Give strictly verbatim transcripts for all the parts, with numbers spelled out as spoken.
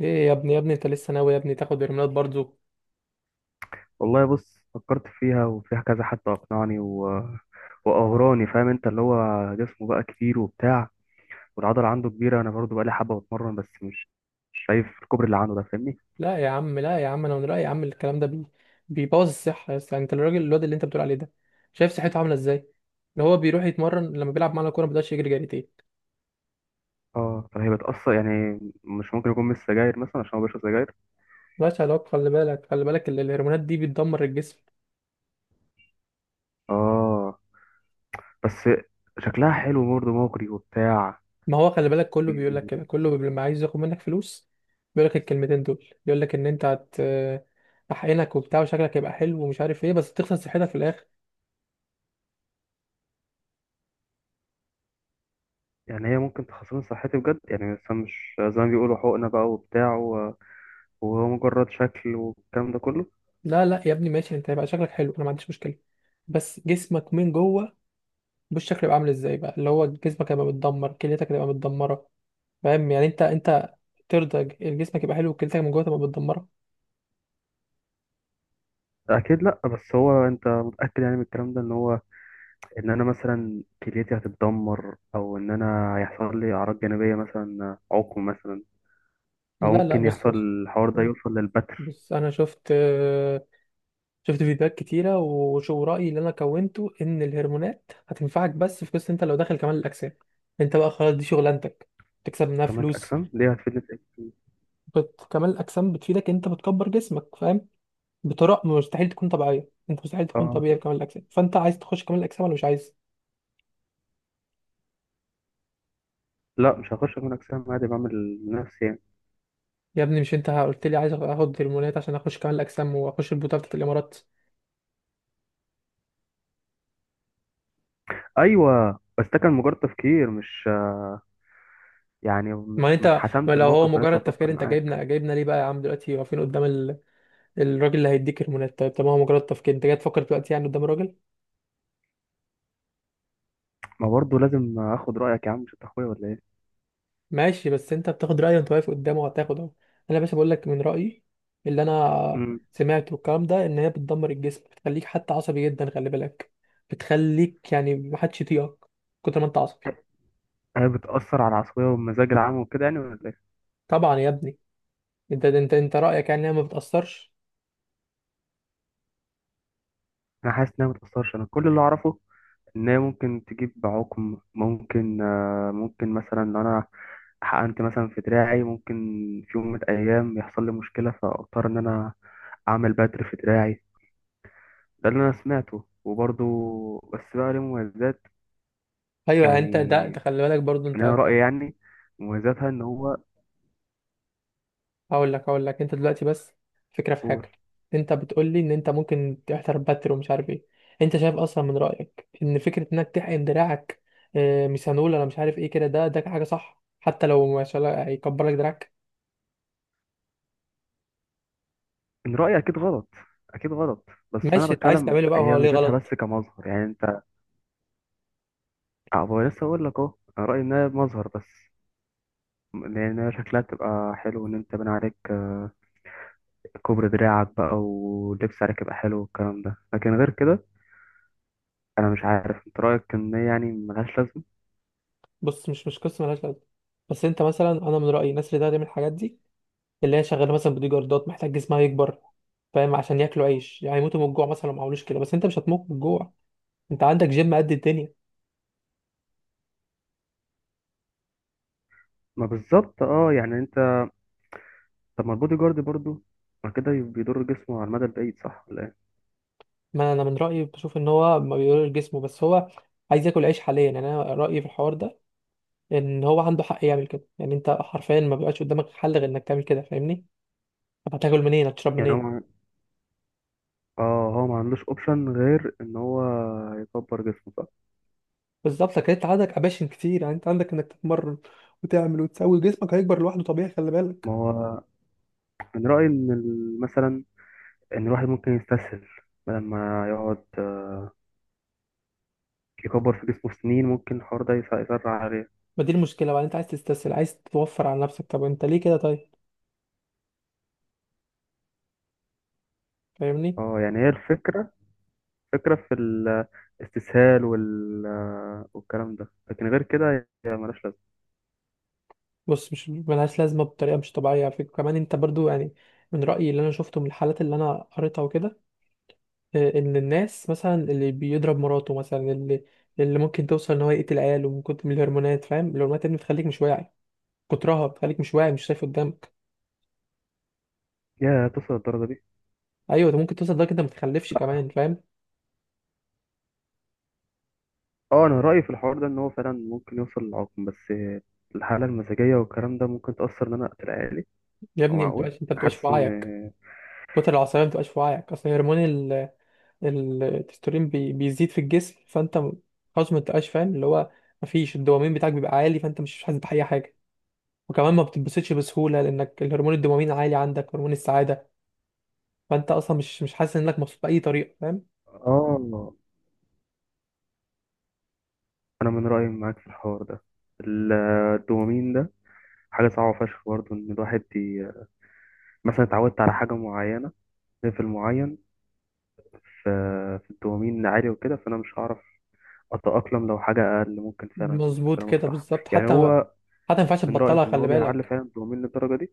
ايه يا ابني، يا ابني انت لسه ناوي يا ابني تاخد هرمونات برضو؟ والله بص فكرت فيها وفيها كذا حد اقنعني و... واغراني، فاهم؟ انت اللي هو جسمه بقى كتير وبتاع، والعضله عنده كبيره. انا برضو بقى لي حبه بتمرن بس مش مش شايف الكوبري اللي عنده ده، فاهمني؟ لا يا عم، لا يا عم، انا من رايي يا عم الكلام ده بي بيبوظ الصحه يا اسطى. يعني انت الراجل، الواد اللي انت بتقول عليه ده شايف صحته عامله ازاي؟ اللي هو بيروح يتمرن، لما بيلعب معانا كوره ما بيقدرش يجري جريتين. اه، فهي بتاثر يعني؟ مش ممكن يكون من السجاير مثلا عشان هو بيشرب سجاير. ماشي يا لوك، خلي بالك، خلي بالك ال- الهرمونات دي بتدمر الجسم. اه. بس شكلها حلو برضه، مغري وبتاع. ما هو خلي بالك كله بيقول لك كده، كله لما عايز ياخد منك فلوس بيقول لك الكلمتين دول، بيقول لك ان انت هت احقنك وبتاع وشكلك هيبقى حلو ومش عارف ايه، بس تخسر صحتك في الاخر. يعني هي ممكن تخسرني صحتي بجد يعني؟ مثلا مش زي ما بيقولوا حقنه بقى وبتاع و- وهو مجرد شكل والكلام ده كله. لا لا يا ابني، ماشي انت هيبقى شكلك حلو، انا ما عنديش مشكله، بس جسمك من جوه بالشكل يبقى عامل ازاي بقى؟ اللي هو جسمك هيبقى متدمر، كليتك هتبقى متدمره، فاهم؟ يعني انت انت ترضى جسمك يبقى حلو وكليتك من جوه تبقى متدمره؟ اكيد لا، بس هو انت متاكد يعني من الكلام ده ان هو ان انا مثلا كليتي هتتدمر؟ او ان انا هيحصل لي اعراض جانبيه مثلا، عقم مثلا؟ او لا لا، ممكن بص، يحصل بص الحوار ده يوصل للبتر؟ بص انا شفت شفت فيديوهات كتيره وشو رايي اللي انا كونته ان الهرمونات هتنفعك، بس في قصه، انت لو داخل كمال الاجسام انت بقى خلاص دي شغلانتك، تكسب منها كمال فلوس. الاجسام دي هتفيدني في ايه؟ بت... كمال الاجسام بتفيدك، انت بتكبر جسمك، فاهم؟ بطرق مستحيل تكون طبيعيه. انت مستحيل تكون اه. طبيعي في كمال الاجسام، فانت عايز تخش كمال الاجسام ولا مش عايز؟ لا مش هخش كمال اجسام، عادي بعمل لنفسي يعني. يا ابني مش انت قلت لي عايز اخد هرمونات عشان اخش كمال الاجسام واخش البطوله بتاعت الامارات؟ ايوه، بس ده كان مجرد تفكير، مش يعني ما مش مش انت، ما حسمت لو هو الموقف ولسه مجرد تفكير بفكر انت معاك. جايبنا جايبنا ليه بقى يا عم؟ دلوقتي واقفين قدام ال... الراجل اللي هيديك هرمونات، طيب طب ما هو مجرد تفكير، انت جاي تفكر دلوقتي يعني قدام الراجل؟ ما برضه لازم اخد رايك يا عم، مش انت اخويا ولا ايه؟ ماشي، بس انت بتاخد رأيه وانت واقف قدامه هتاخده. انا يا باشا بقول لك من رأيي، اللي انا امم. سمعته الكلام ده ان هي بتدمر الجسم، بتخليك حتى عصبي جدا، خلي بالك بتخليك يعني محدش يطيقك كتر ما انت عصبي. هي بتاثر على العصبيه والمزاج العام وكده يعني ولا ايه؟ طبعا يا ابني. انت انت انت رأيك يعني انها ما بتأثرش؟ انا حاسس انها ما تاثرش. انا كل اللي اعرفه ان هي ممكن تجيب عقم، ممكن آه، ممكن مثلا لو انا حقنت مثلا في دراعي ممكن في يوم من الايام يحصل لي مشكله فاضطر ان انا اعمل بتر في دراعي. ده اللي انا سمعته، وبرضه بس بقى ليه مميزات. ايوه، يعني انت ده يعني تخلي بالك برضو ان انت. انا رايي يعني مميزاتها ان هو. هقول لك هقول لك انت دلوقتي بس فكره في قول. حاجه. انت بتقول لي ان انت ممكن تحترم باتر ومش عارف ايه؟ انت شايف اصلا من رايك ان فكره انك تحقن دراعك آه، ميثانول ولا مش عارف ايه كده، ده ده حاجه صح؟ حتى لو ما شاء الله هيكبر لك دراعك. ان رايي اكيد غلط، اكيد غلط، بس انا ماشي انت عايز بتكلم تعمله، بقى هي هو ليه ميزتها بس غلط؟ كمظهر يعني، انت. أه، بقول- لسه اقول لك، اهو انا رايي انها مظهر بس، لأن شكلها بتبقى حلو، إن أنت بنى عليك آه، كوبري دراعك بقى ولبس عليك يبقى حلو والكلام ده، لكن غير كده أنا مش عارف. أنت رأيك إن هي يعني ملهاش لازمة؟ بص، مش مش قصه ملهاش لازمه، بس انت مثلا، انا من رايي الناس اللي ده تعمل الحاجات دي اللي هي شغاله مثلا بدي جاردات محتاج جسمها يكبر، فاهم؟ عشان ياكلوا عيش، يعني يموتوا من الجوع مثلا لو ما عملوش كده. بس انت مش هتموت من الجوع، انت عندك جيم قد الدنيا. ما بالظبط، أه، يعني أنت. طب ما البودي جارد برضه ما كده بيضر جسمه على المدى البعيد صح ولا إيه؟ ما انا من رايي بشوف ان هو ما بيقولش جسمه بس هو عايز ياكل عيش حاليا، يعني انا رايي في الحوار ده ان هو عنده حق يعمل كده. يعني انت حرفيا ما بيبقاش قدامك حل غير انك تعمل كده، فاهمني؟ طب هتاكل منين، هتشرب يعني هو منين؟ ما- اه هو ما عندوش اوبشن غير ان هو يكبر جسمه، صح؟ بالظبط، لكن انت عندك اماكن كتير، يعني انت عندك انك تتمرن وتعمل وتسوي جسمك، هيكبر لوحده طبيعي، خلي بالك. ما هو من رأيي ان ال- مثلا ان الواحد ممكن يستسهل بدل ما يقعد آه، يكبر في جسمه سنين، ممكن الحوار ده يس- يسرع عليه. ما دي المشكله بقى، انت عايز تستسهل، عايز توفر على نفسك، طب انت ليه كده؟ طيب، فاهمني؟ اه يعني هي الفكرة، فكرة في الاستسهال وال... والكلام ده، لكن غير كده هي ملهاش لازمة. بص، مش ملهاش لازمه، بطريقه مش طبيعيه فيك كمان انت برضو. يعني من رايي اللي انا شفته من الحالات اللي انا قريتها وكده، آه، ان الناس مثلا اللي بيضرب مراته مثلا، اللي اللي ممكن توصل ان هو يقتل عياله من كتر من الهرمونات، فاهم؟ الهرمونات اللي بتخليك مش واعي كترها، بتخليك مش واعي، مش شايف قدامك. يا توصل للدرجة دي؟ ايوه ده ممكن توصل لدرجه انت ما تخلفش كمان، لا. فاهم؟ اه انا رأيي في الحوار ده ان هو فعلا ممكن يوصل للعقم، بس الحالة المزاجية والكلام ده ممكن تأثر ان انا اقتل عيالي؟ يا هو ابني ما معقول؟ بتبقاش انت ما بتبقاش في حاسس ان. وعيك، كتر العصبيه ما بتبقاش في وعيك. اصل هرمون ال- ال- التستورين بي بيزيد في الجسم، فانت م- خلاص ما بتبقاش فاهم اللي هو، ما فيش الدوبامين بتاعك بيبقى عالي فانت مش حاسس بأي حاجه. وكمان ما بتتبسطش بسهوله لانك الهرمون الدوبامين عالي عندك، هرمون السعاده، فانت اصلا مش مش حاسس انك مبسوط باي طريقه، فاهم؟ اه، انا من رأيي معاك في الحوار ده. ال- الدوبامين ده حاجة صعبة فشخ برضه، ان الواحد ي... مثلا اتعودت على حاجة معينة، ليفل معين في في الدوبامين عالي وكده، فانا مش هعرف أتأقلم لو حاجة أقل. ممكن فعلا مظبوط كلامك كده، صح بالظبط. يعني حتى ما هو. حتى ما ينفعش من رأيك تبطلها، إن خلي هو بيعلي بالك. فعلا الدوبامين للدرجة دي؟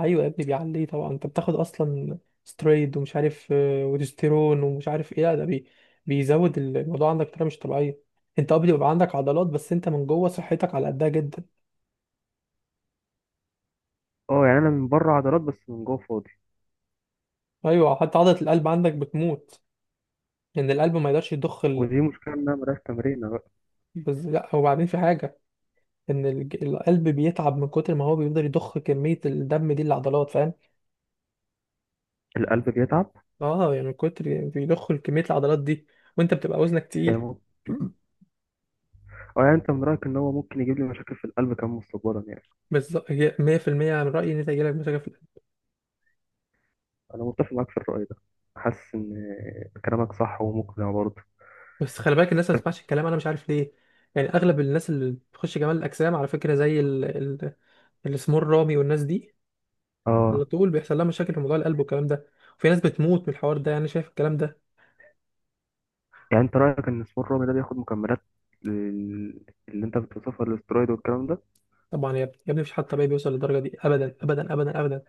ايوه يا ابني بيعليه طبعا، انت بتاخد اصلا سترويد ومش عارف آه، وديستيرون ومش عارف ايه، لا ده بي... بيزود الموضوع عندك بطريقه مش طبيعيه. انت اه بيبقى عندك عضلات بس انت من جوه صحتك على قدها جدا. أه يعني أنا من بره عضلات بس من جوه فاضي. ايوه حتى عضله القلب عندك بتموت، لان القلب ما يقدرش يضخ ال... ودي مشكلة إنها ملهاش تمرين بقى. بس لا، وبعدين في حاجه، ان الج- القلب بيتعب من كتر ما هو بيقدر يضخ كميه الدم دي للعضلات، فاهم؟ القلب بيتعب اه يعني من كتر بيضخوا كمية العضلات دي، وانت بتبقى وزنك يعني تقيل. مو... أه يعني أنت من رأيك إن هو ممكن يجيب لي مشاكل في القلب كمان مستقبلا يعني؟ بالظبط، هي ميه في الميه من رأيي ان انت هيجيلك مشاكل في القلب. أنا متفق معاك في الرأي ده. حاسس إن كلامك صح ومقنع برضه. بس خلي بالك الناس ما تسمعش الكلام، انا مش عارف ليه. يعني اغلب الناس اللي بتخش جمال الاجسام على فكرة، زي ال... ال... السمور رامي والناس دي، على أه طول بيحصل لها مشاكل في موضوع القلب والكلام ده. وفي ناس بتموت من الحوار ده، يعني شايف الكلام ده؟ يعني أنت رأيك إن سبور الرمي ده بياخد مكملات لل- اللي أنت بتوصفها الاسترويد والكلام ده؟ طبعا يا ابني، يا ابني مفيش حد طبيعي بيوصل للدرجة دي، ابدا ابدا ابدا ابدا.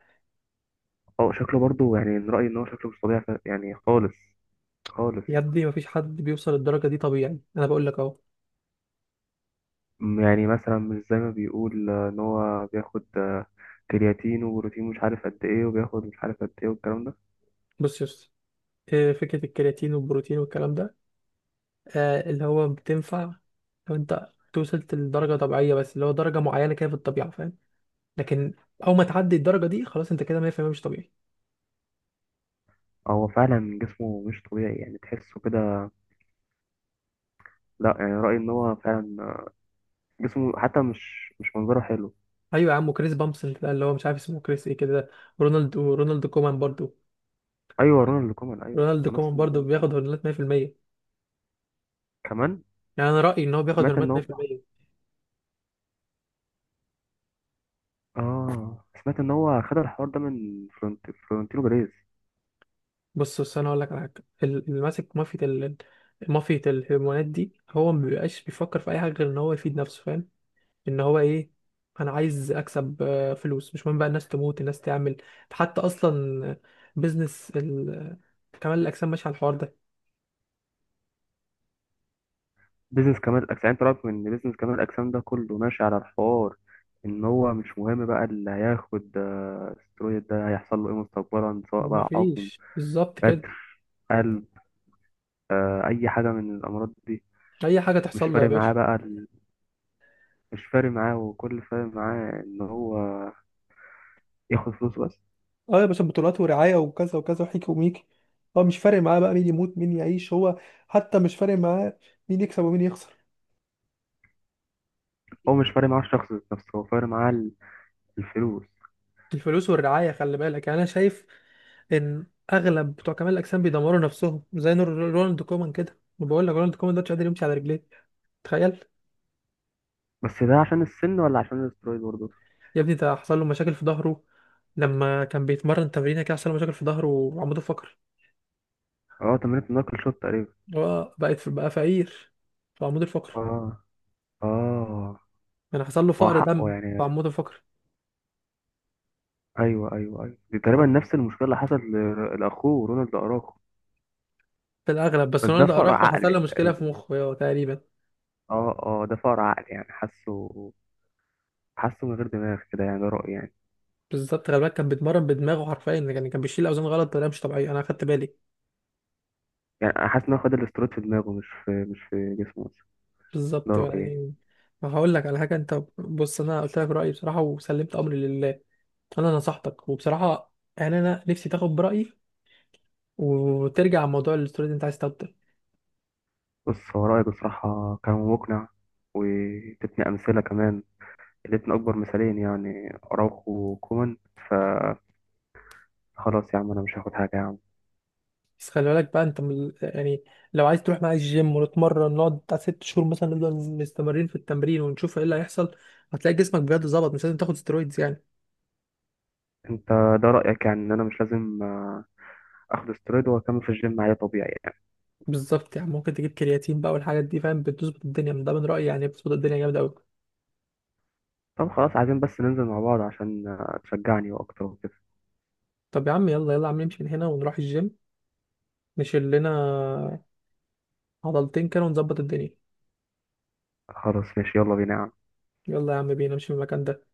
أه شكله برضه يعني، من رأيي إن هو شكله مش طبيعي ف- يعني خالص، خالص. يا ابني مفيش حد بيوصل للدرجة دي طبيعي، انا بقول لك اهو. م- يعني مثلا مش زي ما بيقول آه، ان هو بياخد آه، كرياتين وبروتين مش عارف قد ايه، وبياخد مش عارف قد ايه والكلام ده. بص يا اسطى، إيه فكرة الكرياتين والبروتين والكلام ده؟ آه اللي هو بتنفع لو انت وصلت لدرجة طبيعية، بس اللي هو درجة معينة كده في الطبيعة، فاهم؟ لكن أول ما تعدي الدرجة دي خلاص انت كده مية بالمية مش طبيعي. هو فعلا جسمه مش طبيعي يعني تحسه كده؟ لا يعني رأيي ان هو فعلا آه، جسمه حتى مش مش منظره حلو. أيوة يا عم، وكريس بامسون ده اللي هو مش عارف اسمه كريس ايه كده، رونالد ورونالد كومان برضو، ايوه رونالد كومان، ايوه. رونالد هو نفس كومان برضو النظام بياخد هرمونات ميه في الميه. كمان. يعني أنا رأيي إن هو بياخد سمعت ان هرمونات هو، ميه في الميه. اه سمعت ان هو خد الحوار ده من فلورنت- فلورنتينو بيريز. بص بص أنا هقول لك على حاجة، ال- اللي ماسك مافيا ال- مافيا الهرمونات دي هو ما بيبقاش بيفكر في أي حاجة غير إن هو يفيد نفسه، فاهم؟ ان هو ايه، انا عايز اكسب آه، فلوس، مش مهم بقى الناس تموت، الناس تعمل. حتى اصلا بيزنس ال... كمال الاجسام ماشي على الحوار ده. بيزنس كمال الاجسام. يعني انت رأيك ان بيزنس كمال الاجسام ده كله ماشي على الحوار ان هو مش مهم بقى اللي هياخد آه، استرويد ده هيحصل له ايه مستقبلا، سواء ما بقى عقم، فيش بالظبط كده، بتر، قلب، آه، اي حاجه من الامراض دي؟ اي حاجه مش تحصل له يا فارق باشا. معاه بقى ال-. مش فارق معاه، وكل اللي فارق معاه ان هو ياخد فلوس بس. اه يا باشا، بطولات ورعايه وكذا وكذا وحكي وميكي، هو مش فارق معاه بقى مين يموت مين يعيش، هو حتى مش فارق معاه مين يكسب ومين يخسر. هو مش فارق معاه الشخص ذات نفسه، هو فارق معاه ال- الفلوس. الفلوس والرعايه، خلي بالك. يعني انا شايف ان اغلب بتوع كمال الاجسام بيدمروا نفسهم زي نور- رونالد كومان كده، وبقول لك رونالد كومان ده مش قادر يمشي على رجليه، تخيل. بس ده عشان السن ولا عشان الاسترويد برضه؟ يا ابني ده حصل له مشاكل في ظهره، لما كان بيتمرن تمرينه كده حصل له مشاكل في ظهره وعمود الفقر. اه، تمانيه نقل شوت تقريبا. هو بقت بقى فقير في عمود الفقر، اه. اه. يعني حصل له ما هو فقر حقه دم في يعني. عمود الفقر. ايوه ايوه ايوه، دي تقريبا آه، نفس المشكله اللي حصلت ل- لاخوه رونالد اراخو. في الاغلب، بس بس ده رونالدو فقر اراخو حصل عقل له مشكله في تقريبا. مخه هو تقريبا. اه اه، ده فقر عقل يعني حاسه، حاسه من غير دماغ كده يعني، ده رايي يعني. بالظبط، غالبا كان بيتمرن بدماغه حرفيا، يعني كان بيشيل اوزان غلط بطريقه مش طبيعيه، انا اخدت بالي. يعني انا حاسس ان هو خد الاسترويد في دماغه، مش في مش في جسمه بس. ده بالظبط بقى رايي يعني. يعني. هقول لك على حاجه انت، بص، انا قلت لك رايي بصراحه وسلمت امري لله. انا نصحتك وبصراحه، يعني انا نفسي تاخد برايي وترجع عن موضوع الاستوري اللي انت عايز تاخده. بص هو رايي بصراحه كان مقنع، وادتني امثله كمان، ادتني اكبر مثالين يعني، اراخو وكومان. فخلاص يا عم انا مش هاخد حاجه يا عم. بس خلي بالك بقى انت، من- يعني لو عايز تروح معايا الجيم ونتمرن، نقعد بتاع ست شهور مثلا، نفضل مستمرين في التمرين ونشوف ايه اللي هيحصل، هتلاقي جسمك بجد ظبط، مش لازم تاخد سترويدز يعني. انت ده رايك يعني ان انا مش لازم آه، اخد استرويد واكمل في الجيم عادي طبيعي يعني. بالظبط يعني، ممكن تجيب كرياتين بقى والحاجات دي، فاهم؟ بتظبط الدنيا من ده من رأيي، يعني بتظبط الدنيا جامد قوي. طب خلاص، عايزين بس ننزل مع بعض عشان آه، تشجعني واكتر وكده. طب يا عم، يلا يلا يا عم نمشي من هنا ونروح الجيم، نشيل لنا عضلتين كده ونظبط الدنيا. خلاص ماشي، يلا بينا يا عم. يلا يا عم، بينا نمشي من المكان ده.